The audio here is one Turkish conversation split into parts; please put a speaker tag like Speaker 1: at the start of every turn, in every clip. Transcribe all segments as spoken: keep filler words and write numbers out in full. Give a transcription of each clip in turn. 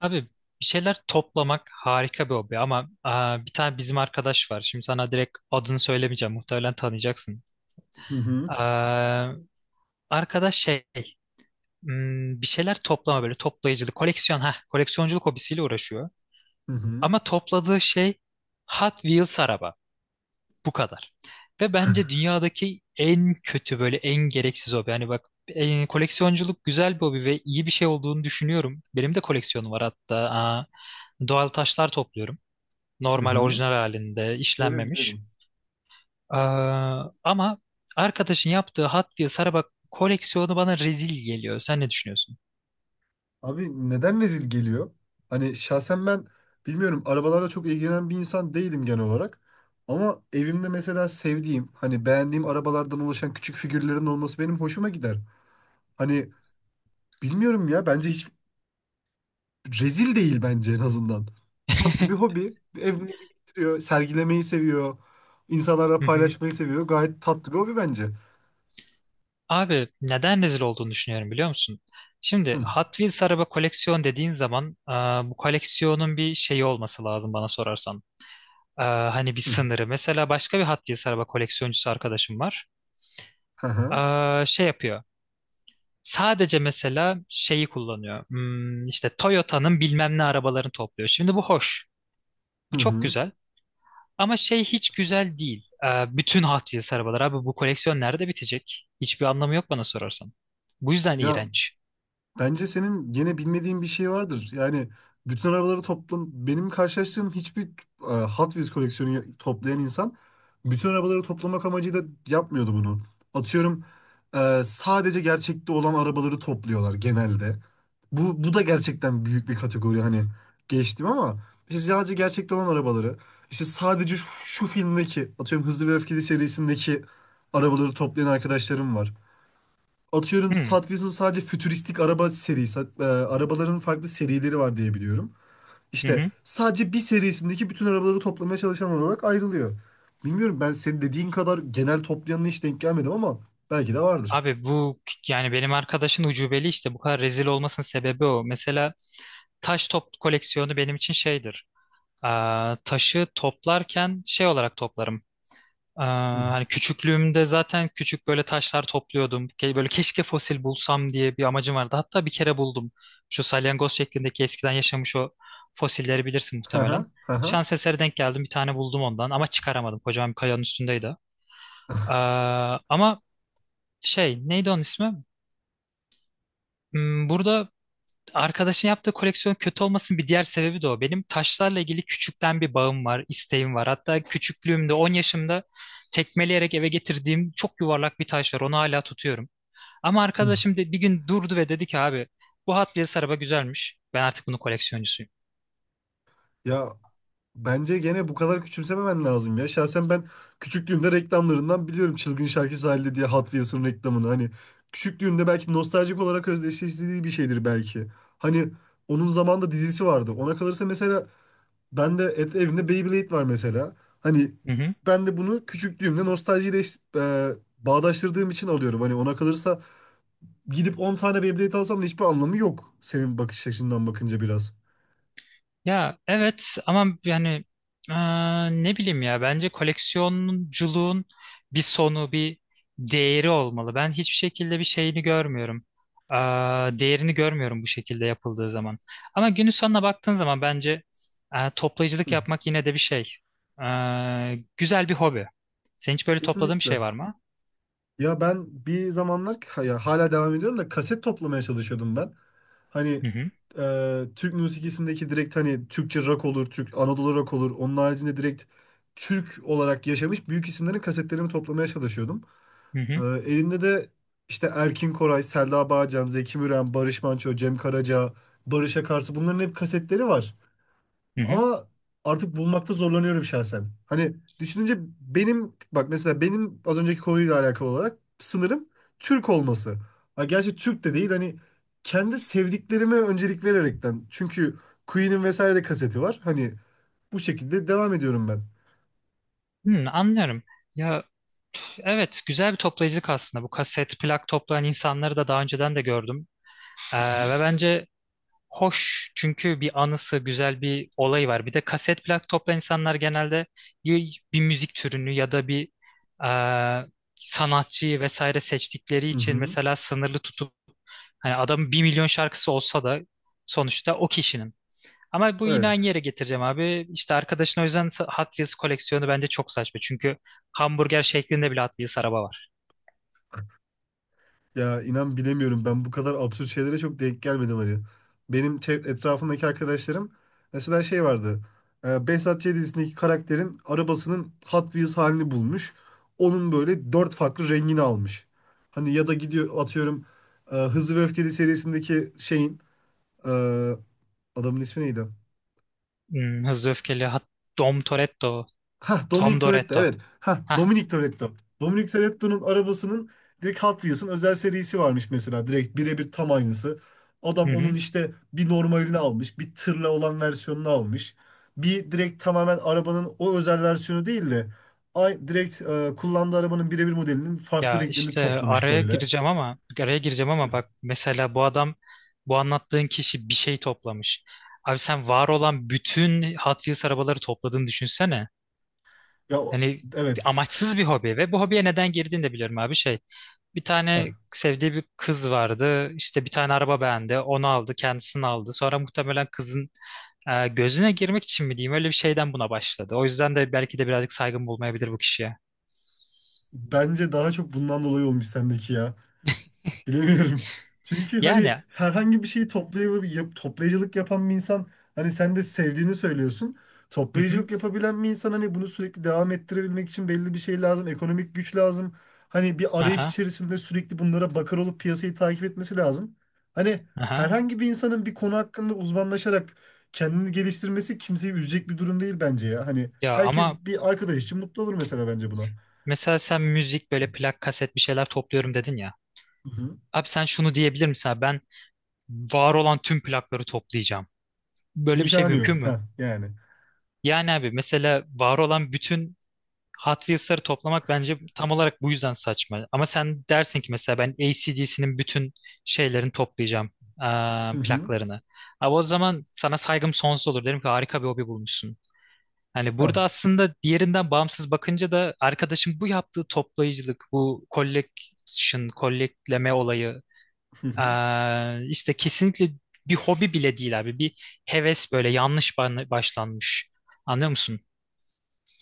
Speaker 1: Abi, bir şeyler toplamak harika bir hobi ama aa, bir tane bizim arkadaş var. Şimdi sana direkt adını söylemeyeceğim. Muhtemelen tanıyacaksın.
Speaker 2: Hı hı.
Speaker 1: Aa, arkadaş şey hmm, Bir şeyler toplama, böyle toplayıcılık, koleksiyon ha koleksiyonculuk hobisiyle uğraşıyor.
Speaker 2: Hı hı.
Speaker 1: Ama topladığı şey Hot Wheels araba. Bu kadar. Ve bence dünyadaki en kötü, böyle en gereksiz hobi. Yani bak, e, koleksiyonculuk güzel bir hobi ve iyi bir şey olduğunu düşünüyorum. Benim de koleksiyonum var hatta. Aa, doğal taşlar topluyorum.
Speaker 2: Hı
Speaker 1: Normal,
Speaker 2: hı.
Speaker 1: orijinal halinde
Speaker 2: Öyle
Speaker 1: işlenmemiş.
Speaker 2: diyelim.
Speaker 1: Ee, Ama arkadaşın yaptığı Hot Wheels araba koleksiyonu bana rezil geliyor. Sen ne düşünüyorsun?
Speaker 2: Abi, neden rezil geliyor? Hani şahsen ben bilmiyorum, arabalarla çok ilgilenen bir insan değilim genel olarak. Ama evimde mesela sevdiğim, hani beğendiğim arabalardan oluşan küçük figürlerin olması benim hoşuma gider. Hani bilmiyorum ya, bence hiç rezil değil bence, en azından. Tatlı bir hobi. Evini biriktiriyor, sergilemeyi seviyor. İnsanlara
Speaker 1: Hı hı.
Speaker 2: paylaşmayı seviyor. Gayet tatlı bir hobi bence.
Speaker 1: Abi, neden rezil olduğunu düşünüyorum biliyor musun?
Speaker 2: Hı
Speaker 1: Şimdi
Speaker 2: hı.
Speaker 1: Hot Wheels araba koleksiyon dediğin zaman e, bu koleksiyonun bir şeyi olması lazım bana sorarsan. E, hani bir sınırı. Mesela başka bir Hot Wheels araba koleksiyoncusu arkadaşım var.
Speaker 2: Hı hı.
Speaker 1: E, şey yapıyor. Sadece mesela şeyi kullanıyor. Hmm, işte Toyota'nın bilmem ne arabalarını topluyor. Şimdi bu hoş.
Speaker 2: Hı
Speaker 1: Bu çok
Speaker 2: hı.
Speaker 1: güzel. Ama şey hiç güzel değil. Ee, bütün Hot Wheels arabalar. Abi, bu koleksiyon nerede bitecek? Hiçbir anlamı yok bana sorarsan. Bu yüzden
Speaker 2: Ya,
Speaker 1: iğrenç.
Speaker 2: bence senin gene bilmediğin bir şey vardır. Yani bütün arabaları toplam, benim karşılaştığım hiçbir e, Hot Wheels koleksiyonu ya- toplayan insan bütün arabaları toplamak amacıyla yapmıyordu bunu. Atıyorum, e, sadece gerçekte olan arabaları topluyorlar genelde. Bu bu da gerçekten büyük bir kategori hani, geçtim ama işte sadece gerçekte olan arabaları, işte sadece şu, şu filmdeki, atıyorum, Hızlı ve Öfkeli serisindeki arabaları toplayan arkadaşlarım var. Atıyorum,
Speaker 1: Hmm.
Speaker 2: Hot Wheels'ın sadece fütüristik araba serisi, e, arabaların farklı serileri var diye biliyorum.
Speaker 1: Hı
Speaker 2: İşte
Speaker 1: hı.
Speaker 2: sadece bir serisindeki bütün arabaları toplamaya çalışan olarak ayrılıyor. Bilmiyorum, ben senin dediğin kadar genel toplayanına hiç denk gelmedim ama belki de vardır.
Speaker 1: Abi, bu, yani benim arkadaşın ucubeli işte. Bu kadar rezil olmasının sebebi o. Mesela taş top koleksiyonu benim için şeydir. Ee, taşı toplarken şey olarak toplarım. Ee,
Speaker 2: Hı.
Speaker 1: hani küçüklüğümde zaten küçük böyle taşlar topluyordum. Ke- Böyle keşke fosil bulsam diye bir amacım vardı. Hatta bir kere buldum. Şu salyangoz şeklindeki eskiden yaşamış o fosilleri bilirsin
Speaker 2: Hı
Speaker 1: muhtemelen.
Speaker 2: hı, hı hı.
Speaker 1: Şans eseri denk geldim. Bir tane buldum ondan ama çıkaramadım. Kocaman bir kayanın üstündeydi. Ee, Ama şey, neydi onun ismi? Hmm, Burada arkadaşın yaptığı koleksiyon kötü olmasın bir diğer sebebi de o. Benim taşlarla ilgili küçükten bir bağım var, isteğim var. Hatta küçüklüğümde on yaşımda tekmeleyerek eve getirdiğim çok yuvarlak bir taş var. Onu hala tutuyorum. Ama
Speaker 2: Hı.
Speaker 1: arkadaşım de, bir gün durdu ve dedi ki, abi bu Hot Wheels araba güzelmiş. Ben artık bunun koleksiyoncusuyum.
Speaker 2: Ya, bence gene bu kadar küçümsememen lazım ya. Şahsen ben küçüklüğümde reklamlarından biliyorum, Çılgın Şarkı Sahilde diye, Hot Wheels'ın reklamını. Hani küçüklüğümde belki nostaljik olarak özdeşleştirdiği bir şeydir belki. Hani onun zamanında dizisi vardı. Ona kalırsa mesela ben de et, evimde Beyblade var mesela. Hani
Speaker 1: Hı hı.
Speaker 2: ben de bunu küçüklüğümde nostaljiyle eş- e, bağdaştırdığım için alıyorum. Hani ona kalırsa gidip on tane Beyblade alsam da hiçbir anlamı yok. Senin bakış açından bakınca biraz.
Speaker 1: Ya evet, ama yani eee, ne bileyim ya, bence koleksiyonculuğun bir sonu, bir değeri olmalı. Ben hiçbir şekilde bir şeyini görmüyorum. Eee, Değerini görmüyorum bu şekilde yapıldığı zaman. Ama günün sonuna baktığın zaman bence eee, toplayıcılık
Speaker 2: Hı,
Speaker 1: yapmak yine de bir şey. Eee, güzel bir hobi. Senin hiç böyle topladığın bir
Speaker 2: kesinlikle.
Speaker 1: şey var mı?
Speaker 2: Ya ben bir zamanlar, ya hala devam ediyorum da, kaset toplamaya çalışıyordum ben. Hani
Speaker 1: Hı hı,
Speaker 2: e, Türk müzikisindeki, direkt hani Türkçe rock olur, Türk Anadolu rock olur. Onun haricinde direkt Türk olarak yaşamış büyük isimlerin kasetlerini toplamaya çalışıyordum.
Speaker 1: hı
Speaker 2: E,
Speaker 1: hı,
Speaker 2: elimde de işte Erkin Koray, Selda Bağcan, Zeki Müren, Barış Manço, Cem Karaca, Barış Akarsu, bunların hep kasetleri var.
Speaker 1: hı hı.
Speaker 2: Ama artık bulmakta zorlanıyorum şahsen. Hani düşününce benim, bak mesela, benim az önceki konuyla alakalı olarak sınırım Türk olması. Ha, gerçi Türk de değil hani, kendi sevdiklerime öncelik vererekten. Çünkü Queen'in vesaire de kaseti var. Hani bu şekilde devam ediyorum ben.
Speaker 1: Hmm, anlıyorum. Ya evet, güzel bir toplayıcılık aslında. Bu kaset, plak toplayan insanları da daha önceden de gördüm. Ee,
Speaker 2: Hı hı.
Speaker 1: ve bence hoş, çünkü bir anısı, güzel bir olayı var. Bir de kaset, plak toplayan insanlar genelde ya bir müzik türünü ya da bir e, sanatçıyı vesaire seçtikleri
Speaker 2: Hı
Speaker 1: için
Speaker 2: hı.
Speaker 1: mesela sınırlı tutup, hani adamın bir milyon şarkısı olsa da sonuçta o kişinin. Ama bu, yine aynı
Speaker 2: Evet.
Speaker 1: yere getireceğim abi. İşte arkadaşın o yüzden Hot Wheels koleksiyonu bence çok saçma. Çünkü hamburger şeklinde bile Hot Wheels araba var.
Speaker 2: Ya inan bilemiyorum, ben bu kadar absürt şeylere çok denk gelmedim hani. Benim çev- etrafımdaki arkadaşlarım, mesela şey vardı. E, Behzat Ç. dizisindeki karakterin arabasının Hot Wheels halini bulmuş. Onun böyle dört farklı rengini almış. Hani ya da gidiyor atıyorum, e, Hızlı ve Öfkeli serisindeki şeyin, e, adamın ismi neydi?
Speaker 1: Hmm, Hızlı Öfkeli, Hot- Dom Toretto,
Speaker 2: Ha, Dominic
Speaker 1: Tom
Speaker 2: Toretto,
Speaker 1: Doretto.
Speaker 2: evet. Ha,
Speaker 1: Hah.
Speaker 2: Dominic Toretto. Dominic Toretto'nun arabasının direkt Hot Wheels'ın özel serisi varmış mesela. Direkt birebir tam aynısı.
Speaker 1: Hı
Speaker 2: Adam onun
Speaker 1: hı.
Speaker 2: işte bir normalini almış, bir tırla olan versiyonunu almış. Bir direkt tamamen arabanın o özel versiyonu değil de, ay direkt e, kullandığı arabanın birebir modelinin farklı
Speaker 1: Ya
Speaker 2: renklerini
Speaker 1: işte
Speaker 2: toplamış
Speaker 1: araya
Speaker 2: böyle.
Speaker 1: gireceğim, ama araya gireceğim ama bak, mesela bu adam, bu anlattığın kişi bir şey toplamış. Abi sen var olan bütün Hot Wheels arabaları topladığını düşünsene.
Speaker 2: Ya o-
Speaker 1: Hani
Speaker 2: evet.
Speaker 1: amaçsız bir hobi ve bu hobiye neden girdiğini de biliyorum abi, şey. Bir
Speaker 2: Ha.
Speaker 1: tane sevdiği bir kız vardı. İşte bir tane araba beğendi. Onu aldı, kendisini aldı. Sonra muhtemelen kızın e, gözüne girmek için mi diyeyim, öyle bir şeyden buna başladı. O yüzden de belki de birazcık saygın bulmayabilir bu kişiye.
Speaker 2: Bence daha çok bundan dolayı olmuş sendeki ya. Bilemiyorum. Çünkü hani
Speaker 1: Yani.
Speaker 2: herhangi bir şeyi toplayıp, yap- toplayıcılık yapan bir insan, hani sen de sevdiğini söylüyorsun.
Speaker 1: Hı hı,
Speaker 2: Toplayıcılık yapabilen bir insan, hani bunu sürekli devam ettirebilmek için belli bir şey lazım. Ekonomik güç lazım. Hani bir arayış
Speaker 1: aha,
Speaker 2: içerisinde sürekli bunlara bakar olup piyasayı takip etmesi lazım. Hani
Speaker 1: aha.
Speaker 2: herhangi bir insanın bir konu hakkında uzmanlaşarak kendini geliştirmesi kimseyi üzecek bir durum değil bence ya. Hani
Speaker 1: Ya
Speaker 2: herkes
Speaker 1: ama
Speaker 2: bir arkadaş için mutlu olur mesela, bence buna.
Speaker 1: mesela sen müzik, böyle plak, kaset bir şeyler topluyorum dedin ya.
Speaker 2: Hı hı.
Speaker 1: Abi sen şunu diyebilir misin, abi ben var olan tüm plakları toplayacağım. Böyle bir şey
Speaker 2: İmkanı yok.
Speaker 1: mümkün mü?
Speaker 2: Ha yani.
Speaker 1: Yani abi mesela var olan bütün Hot Wheels'ları toplamak bence tam olarak bu yüzden saçma. Ama sen dersin ki mesela ben A C/D C'nin bütün şeylerini toplayacağım.
Speaker 2: Hı
Speaker 1: Eee,
Speaker 2: hı.
Speaker 1: plaklarını. Abi o zaman sana saygım sonsuz olur. Derim ki harika bir hobi bulmuşsun. Hani
Speaker 2: Ha.
Speaker 1: burada aslında diğerinden bağımsız bakınca da arkadaşın bu yaptığı toplayıcılık, bu collection, collectleme olayı eee, işte kesinlikle bir hobi bile değil abi. Bir heves, böyle yanlış ba- başlanmış. Anlıyor musun?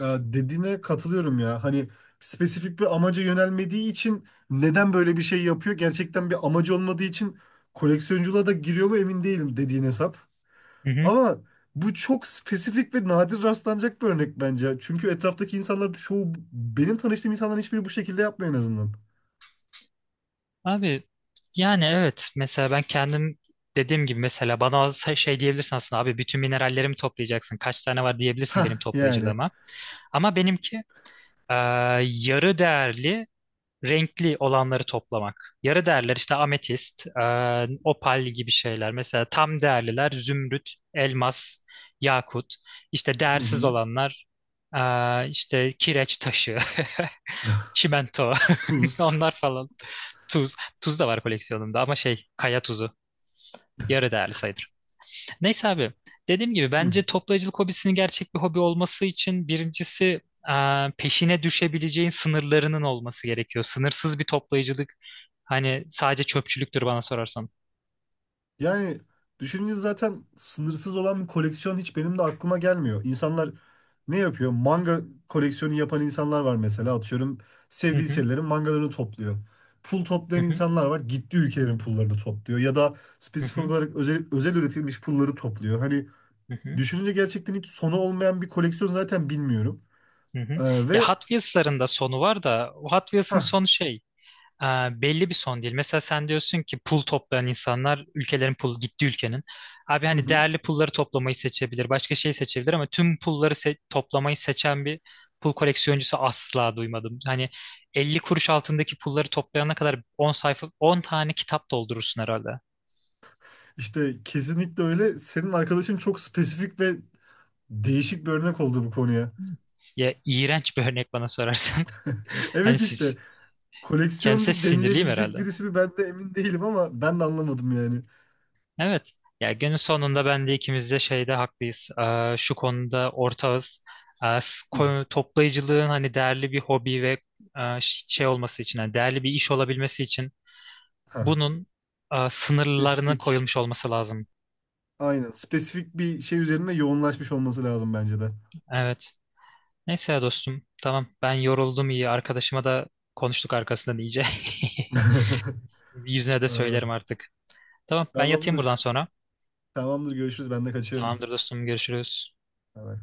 Speaker 2: Ya dediğine katılıyorum ya. Hani spesifik bir amaca yönelmediği için neden böyle bir şey yapıyor? Gerçekten bir amacı olmadığı için koleksiyonculuğa da giriyor mu emin değilim, dediğin hesap.
Speaker 1: Hı hı.
Speaker 2: Ama bu çok spesifik ve nadir rastlanacak bir örnek bence. Çünkü etraftaki insanlar çoğu, benim tanıştığım insanların hiçbiri bu şekilde yapmıyor en azından.
Speaker 1: Abi yani evet, mesela ben kendim dediğim gibi, mesela bana se- şey diyebilirsin aslında, abi bütün minerallerimi toplayacaksın kaç tane var diyebilirsin benim
Speaker 2: Ha yani.
Speaker 1: toplayıcılığıma. Ama benimki eee, yarı değerli, renkli olanları toplamak. Yarı değerler işte ametist, e, opal gibi şeyler. Mesela tam değerliler zümrüt, elmas, yakut. İşte
Speaker 2: Hı
Speaker 1: değersiz
Speaker 2: hı.
Speaker 1: olanlar, e, işte kireç taşı, çimento,
Speaker 2: Tuz.
Speaker 1: onlar falan. Tuz. Tuz da var koleksiyonumda ama şey, kaya tuzu. Yarı değerli sayılır. Neyse abi, dediğim gibi bence toplayıcılık hobisinin gerçek bir hobi olması için birincisi eee, peşine düşebileceğin sınırlarının olması gerekiyor. Sınırsız bir toplayıcılık hani sadece çöpçülüktür bana sorarsan.
Speaker 2: Yani düşününce zaten sınırsız olan bir koleksiyon hiç benim de aklıma gelmiyor. İnsanlar ne yapıyor? Manga koleksiyonu yapan insanlar var mesela. Atıyorum,
Speaker 1: Hı
Speaker 2: sevdiği
Speaker 1: hı,
Speaker 2: serilerin mangalarını topluyor. Pul
Speaker 1: hı
Speaker 2: toplayan
Speaker 1: hı,
Speaker 2: insanlar var. Gittiği ülkelerin pullarını topluyor. Ya da
Speaker 1: hı
Speaker 2: spesifik
Speaker 1: hı,
Speaker 2: olarak özel, özel üretilmiş pulları topluyor. Hani
Speaker 1: hı hı,
Speaker 2: düşününce gerçekten hiç sonu olmayan bir koleksiyon zaten, bilmiyorum.
Speaker 1: hı hı.
Speaker 2: Ee,
Speaker 1: Ya
Speaker 2: ve
Speaker 1: Hot Wheels'ların da sonu var da, o Hot
Speaker 2: ha,
Speaker 1: Wheels'ın sonu şey e, belli bir son değil. Mesela sen diyorsun ki pul toplayan insanlar ülkelerin pul, gitti ülkenin. Abi
Speaker 2: hı
Speaker 1: hani
Speaker 2: hı.
Speaker 1: değerli pulları toplamayı seçebilir, başka şey seçebilir ama tüm pulları se- toplamayı seçen bir pul koleksiyoncusu asla duymadım. Hani elli kuruş altındaki pulları toplayana kadar on sayfa, on tane kitap doldurursun herhalde.
Speaker 2: işte kesinlikle öyle. Senin arkadaşın çok spesifik ve değişik bir örnek oldu bu konuya.
Speaker 1: Ya iğrenç bir örnek bana sorarsan. Hani
Speaker 2: Evet işte.
Speaker 1: siz, kendisi,
Speaker 2: Koleksiyoncu
Speaker 1: sinirliyim
Speaker 2: denilebilecek
Speaker 1: herhalde.
Speaker 2: birisi mi, ben de emin değilim, ama ben de anlamadım yani.
Speaker 1: Evet. Ya günün sonunda ben de, ikimiz de şeyde haklıyız. Ee, şu konuda ortağız. Ee, s-
Speaker 2: Hı.
Speaker 1: ko- toplayıcılığın hani değerli bir hobi ve e, ş- şey olması için, hani değerli bir iş olabilmesi için
Speaker 2: Hah.
Speaker 1: bunun e, sınırlarının
Speaker 2: Spesifik.
Speaker 1: koyulmuş olması lazım.
Speaker 2: Aynen. Spesifik bir şey üzerine yoğunlaşmış olması lazım bence de.
Speaker 1: Evet. Neyse ya dostum. Tamam. Ben yoruldum, iyi. Arkadaşıma da konuştuk arkasından iyice. Yüzüne de söylerim
Speaker 2: Aa,
Speaker 1: artık. Tamam. Ben yatayım buradan
Speaker 2: tamamdır.
Speaker 1: sonra.
Speaker 2: Tamamdır. Görüşürüz. Ben de kaçıyorum.
Speaker 1: Tamamdır dostum. Görüşürüz.
Speaker 2: Bay bay.